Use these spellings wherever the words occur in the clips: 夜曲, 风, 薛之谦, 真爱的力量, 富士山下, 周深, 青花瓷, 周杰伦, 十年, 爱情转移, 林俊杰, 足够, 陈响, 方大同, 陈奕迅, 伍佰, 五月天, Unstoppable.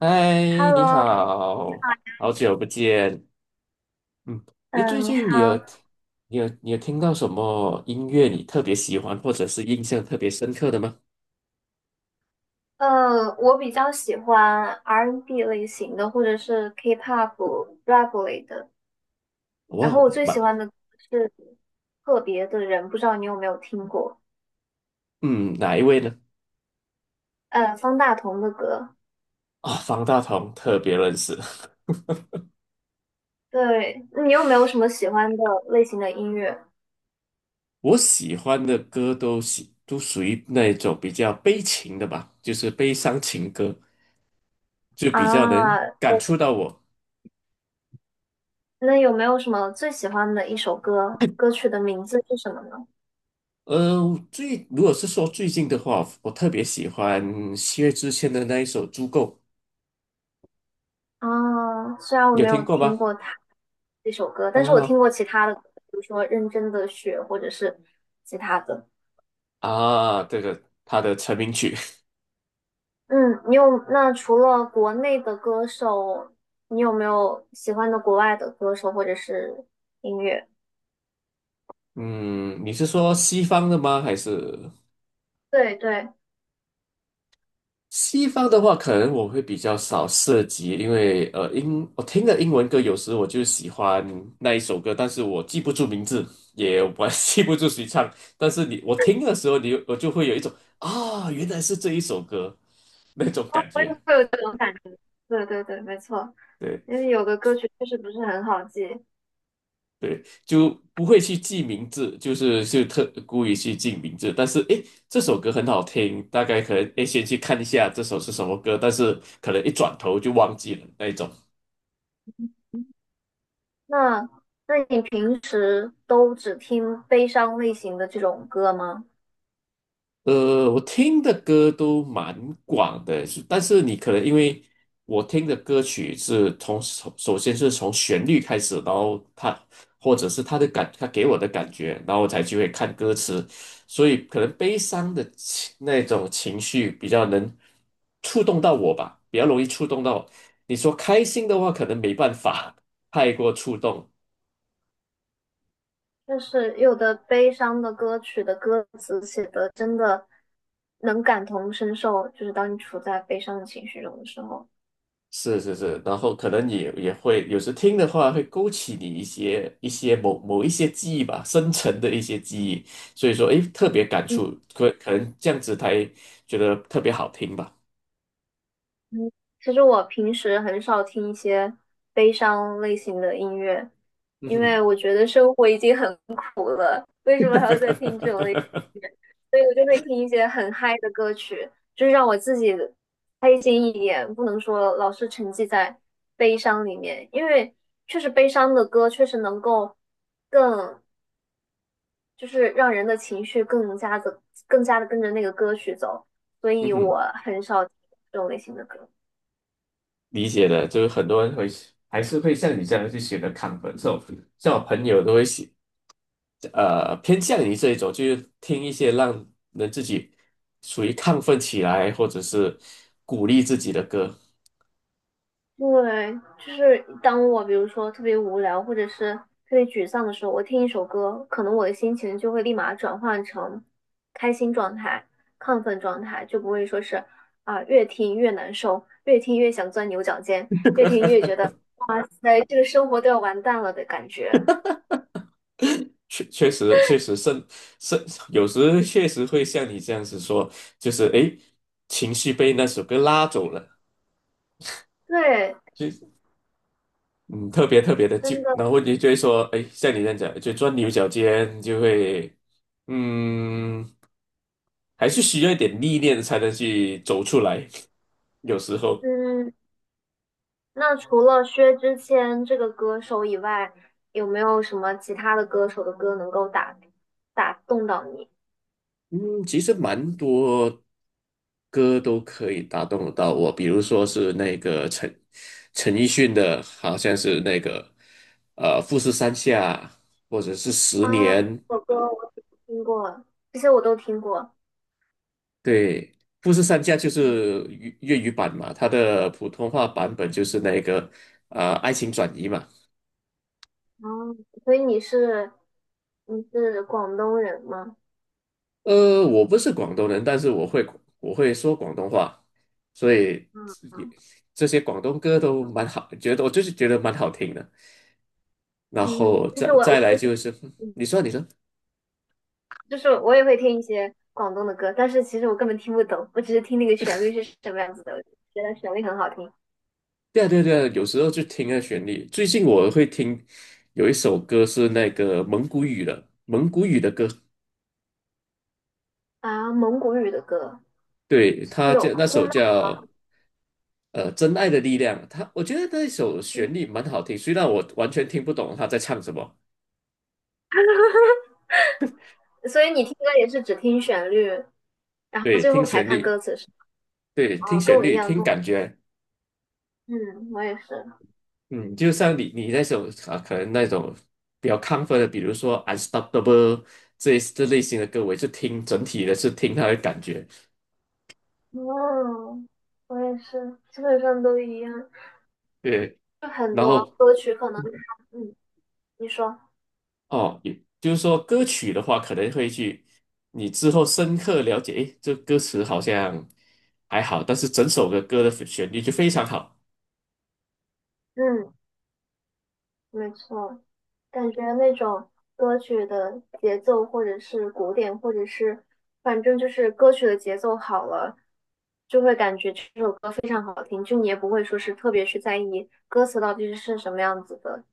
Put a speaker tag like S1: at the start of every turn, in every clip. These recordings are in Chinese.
S1: 嗨，你
S2: Hello，
S1: 好，好久不见。嗯，你
S2: 嗯，
S1: 最
S2: 你
S1: 近你有
S2: 好，
S1: 你有你有听到什么音乐你特别喜欢，或者是印象特别深刻的吗？
S2: 我比较喜欢 R&B N 类型的，或者是 K-pop、rap 类的。然后
S1: 我，
S2: 我最喜
S1: 哪
S2: 欢的歌是《特别的人》，不知道你有没有听过？
S1: 嗯哪一位呢？
S2: 方大同的歌。
S1: 啊、方大同特别认识。
S2: 对，你有没有什么喜欢的类型的音乐
S1: 我喜欢的歌都属于那种比较悲情的吧，就是悲伤情歌，就比较能
S2: 啊？
S1: 感触到我。
S2: 那有没有什么最喜欢的一首歌？歌曲的名字是什么呢？
S1: 呃，如果是说最近的话，我特别喜欢薛之谦的那一首《足够》。
S2: 啊，虽然我
S1: 有
S2: 没有
S1: 听过
S2: 听
S1: 吗？
S2: 过它。这首歌，但是我听
S1: 哦
S2: 过其他的，比如说《认真的雪》或者是其他的。
S1: 啊，这个他的成名曲，
S2: 嗯，你有，那除了国内的歌手，你有没有喜欢的国外的歌手或者是音乐？
S1: 嗯，你是说西方的吗？还是
S2: 对对，
S1: 西方的话，可能我会比较少涉及，因为英我听的英文歌，有时我就喜欢那一首歌，但是我记不住名字，也我 记不住谁唱，但是我听的时候我就会有一种啊，原来是这一首歌那种
S2: 就
S1: 感觉，
S2: 会有这种感觉。对对对，没错，
S1: 对。
S2: 因为有的歌曲确实不是很好记。
S1: 对，就不会去记名字，就是就特故意去记名字。但是诶，这首歌很好听，大概可能诶先去看一下这首是什么歌，但是可能一转头就忘记了那一种。
S2: 那那你平时都只听悲伤类型的这种歌吗？
S1: 呃，我听的歌都蛮广的，是但是你可能因为我听的歌曲是首先是从旋律开始，然后它或者是他给我的感觉，然后我才去会看歌词，所以可能悲伤的情那种情绪比较能触动到我吧，比较容易触动到。你说开心的话，可能没办法太过触动，
S2: 就是有的悲伤的歌曲的歌词写的真的能感同身受，就是当你处在悲伤的情绪中的时候。
S1: 是是是，然后可能也会有时听的话，会勾起你一些记忆吧，深层的一些记忆，所以说，诶，特别感
S2: 嗯
S1: 触，可能这样子才觉得特别好听吧。
S2: 嗯，其实我平时很少听一些悲伤类型的音乐，
S1: 嗯
S2: 因
S1: 哼，
S2: 为我觉得生活已经很 苦了，为什么还要再听这种类？所以我就会听一些很嗨的歌曲，就是让我自己开心一点，不能说老是沉浸在悲伤里面，因为确实悲伤的歌确实能够更，就是让人的情绪更加的跟着那个歌曲走，所
S1: 嗯
S2: 以
S1: 哼，
S2: 我很少听这种类型的歌。
S1: 理解的，就是很多人会还是会像你这样去选择亢奋这种，像我朋友都会喜呃偏向于这一种，就是听一些让人自己属于亢奋起来，或者是鼓励自己的歌。
S2: 对，就是当我比如说特别无聊或者是特别沮丧的时候，我听一首歌，可能我的心情就会立马转换成开心状态、亢奋状态，就不会说是啊、越听越难受，越听越想钻牛角尖，越听越觉得哇塞，这个生活都要完蛋了的感觉。
S1: 确确实确实甚甚，有时确实会像你这样子说，就是诶，情绪被那首歌拉走了，
S2: 对，
S1: 就嗯特别特别的
S2: 真
S1: 就，
S2: 的，
S1: 然后你就会说，诶，像你这样讲，就钻牛角尖，就会嗯，还是需要一点历练才能去走出来，有时候。
S2: 嗯，那除了薛之谦这个歌手以外，有没有什么其他的歌手的歌能够打动到你？
S1: 嗯，其实蛮多歌都可以打动得到我，比如说是那个陈奕迅的，好像是那个《富士山下》，或者是《十
S2: 啊，这
S1: 年》。
S2: 首歌我听过，这些我都听过。
S1: 对，《富士山下》就
S2: 嗯
S1: 是粤语版嘛，它的普通话版本就是那个《爱情转移》嘛。
S2: 哦，所以你是广东人吗？
S1: 呃，我不是广东人，但是我会说广东话，所以
S2: 嗯
S1: 也
S2: 嗯
S1: 这些广东歌都蛮好，觉得我就是觉得蛮好听的。然
S2: 嗯，
S1: 后
S2: 就是
S1: 再
S2: 我我
S1: 再来就
S2: 会
S1: 是，
S2: 嗯
S1: 你说，
S2: 就是我也会听一些广东的歌，但是其实我根本听不懂，我只是听那个旋律是什么样子的，我就觉得旋律很好听
S1: 对啊有时候就听那旋律。最近我会听有一首歌是那个蒙古语的，蒙古语的歌，
S2: 啊。蒙古语的歌
S1: 对，
S2: 是那
S1: 它
S2: 种
S1: 叫那
S2: 呼
S1: 首
S2: 麦，
S1: 叫呃《真爱的力量》，它我觉得那首旋律蛮好听，虽然我完全听不懂他在唱什么，
S2: 所以你听歌也是只听旋律，然后
S1: 对，
S2: 最后
S1: 听
S2: 才
S1: 旋
S2: 看歌
S1: 律，
S2: 词是
S1: 对，
S2: 吧？
S1: 听
S2: 哦，跟
S1: 旋
S2: 我一
S1: 律，
S2: 样，
S1: 听
S2: 跟我
S1: 感觉，
S2: 嗯，我也是。
S1: 嗯，就像你那首啊，可能那种比较亢奋的，比如说《Unstoppable》这类型的歌，我也是听整体的是听它的感觉。
S2: 哦，我也是，基本上都一样。
S1: 对，
S2: 就很
S1: 然
S2: 多
S1: 后
S2: 歌曲可能它嗯，你说，
S1: 哦，也就是说歌曲的话，可能会去你之后深刻了解，诶，这歌词好像还好，但是整首的歌的旋律就非常好。
S2: 嗯，没错，感觉那种歌曲的节奏，或者是鼓点，或者是反正就是歌曲的节奏好了，就会感觉这首歌非常好听，就你也不会说是特别去在意歌词到底是什么样子的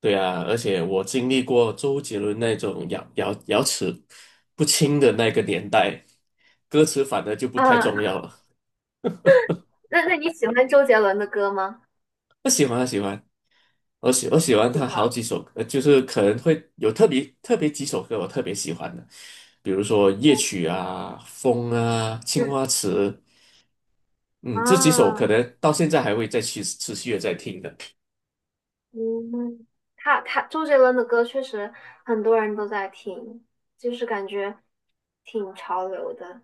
S1: 对啊，而且我经历过周杰伦那种咬齿不清的那个年代，歌词反而就不太重
S2: 啊。
S1: 要了。
S2: 那那你喜欢周杰伦的歌吗？
S1: 我喜欢，我喜欢，我喜欢
S2: 喜
S1: 他好
S2: 欢，
S1: 几首歌，就是可能会有特别特别几首歌我特别喜欢的。比如说夜
S2: 哦，
S1: 曲啊、风啊、青
S2: 嗯
S1: 花瓷嗯，这几首可
S2: 啊，
S1: 能到现在还会再去持续的在听的。
S2: 嗯，他周杰伦的歌确实很多人都在听，就是感觉挺潮流的。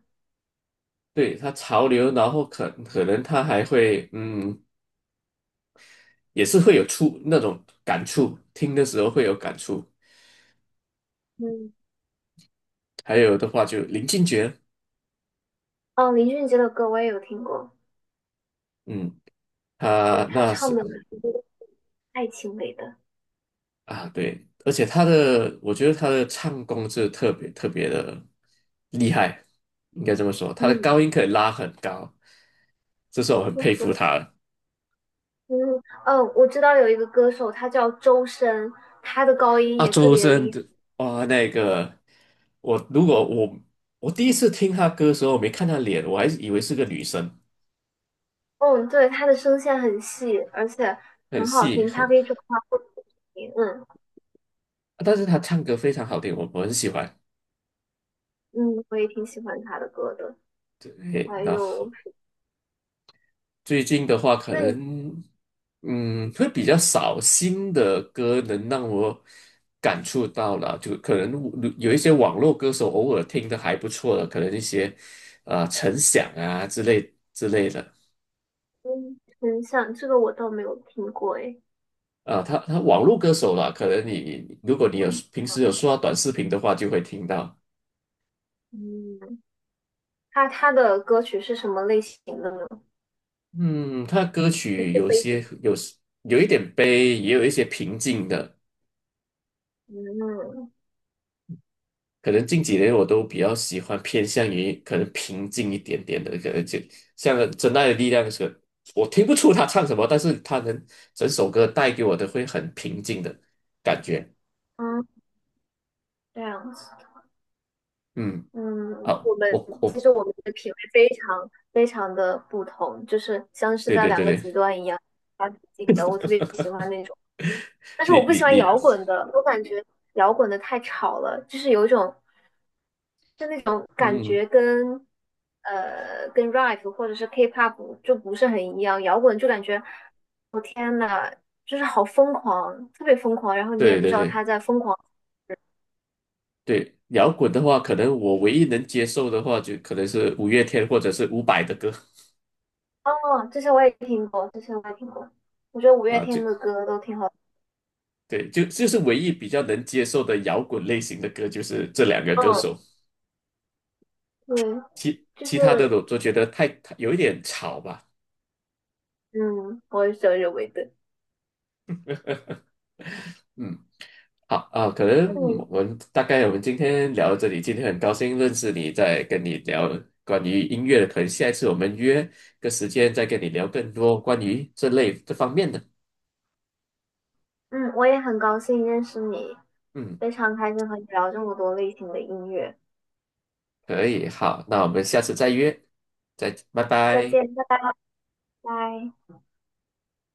S1: 对，他潮流，然后可能他还会，嗯，也是会有触那种感触，听的时候会有感触。
S2: 嗯，
S1: 还有的话就林俊杰，
S2: 哦，林俊杰的歌我也有听过，
S1: 嗯，
S2: 觉得
S1: 他
S2: 他
S1: 那
S2: 唱
S1: 是
S2: 的爱情类的。
S1: 啊，对，而且我觉得他的唱功是特别特别的厉害，应该这么说，他的
S2: 嗯，
S1: 高音可以拉很高，这是我很
S2: 确
S1: 佩服
S2: 实。
S1: 他的。
S2: 嗯哦，我知道有一个歌手，他叫周深，他的高音
S1: 啊，
S2: 也特
S1: 周
S2: 别
S1: 深
S2: 厉害。
S1: 的啊，那个我如果我我第一次听他歌的时候，我没看他脸，我还以为是个女生，
S2: 嗯，对，他的声线很细，而且
S1: 很
S2: 很好
S1: 细
S2: 听，他
S1: 很，
S2: 可以转化不同的声音。嗯
S1: 但是他唱歌非常好听，我很喜欢。
S2: 嗯，我也挺喜欢他的歌的。
S1: 对，
S2: 还
S1: 然后
S2: 有。
S1: 最近的话，可
S2: 那你？
S1: 能嗯会比较少新的歌能让我感触到了，就可能有一些网络歌手偶尔听的还不错的，可能一些啊陈响之类的。
S2: 嗯，很像，这个我倒没有听过诶。
S1: 啊，他网络歌手啦，可能你如果你有平时有刷短视频的话，就会听到。
S2: 嗯，他的歌曲是什么类型的呢？
S1: 嗯，他歌
S2: 也
S1: 曲
S2: 是
S1: 有
S2: 背景。
S1: 些有有一点悲，也有一些平静的。
S2: 嗯
S1: 可能近几年我都比较喜欢偏向于可能平静一点点的，可能就像《真爱的力量》是，我听不出他唱什么，但是他能整首歌带给我的会很平静的感觉。
S2: 嗯，这样子。
S1: 嗯，
S2: 嗯，
S1: 啊，
S2: 我们
S1: 我
S2: 其
S1: 我
S2: 实我们的品味非常非常的不同，就是像是
S1: 对
S2: 在
S1: 对对
S2: 两个
S1: 对，
S2: 极端一样发挺近的。我特别喜欢那种，但是
S1: 你
S2: 我不喜
S1: 你
S2: 欢
S1: 你，
S2: 摇滚的，我感觉摇滚的太吵了，就是有一种就那种感
S1: 嗯，
S2: 觉跟 rap 或者是 K-pop 就不是很一样，摇滚就感觉我天呐，就是好疯狂，特别疯狂，然后你也
S1: 对
S2: 不
S1: 对
S2: 知道
S1: 对。
S2: 他在疯狂。
S1: 对，摇滚的话，可能我唯一能接受的话，就可能是五月天或者是伍佰的歌
S2: 哦，这些我也听过，这些我也听过，我觉得五月
S1: 啊，就
S2: 天的歌都挺好的。
S1: 对，就是唯一比较能接受的摇滚类型的歌，就是这两个歌
S2: 嗯，
S1: 手，
S2: 对，就
S1: 其他的
S2: 是
S1: 我都觉得太有一点吵吧。
S2: 嗯，我也是有认为的。
S1: 嗯，好啊，可能
S2: 那你，
S1: 我们今天聊到这里，今天很高兴认识你，在跟你聊关于音乐的，可能下一次我们约个时间再跟你聊更多关于这方面的。
S2: 嗯，我也很高兴认识你，
S1: 嗯。
S2: 非常开心和你聊这么多类型的音乐。
S1: 可以，好，那我们下次再约，再，拜
S2: 再
S1: 拜。
S2: 见，拜拜。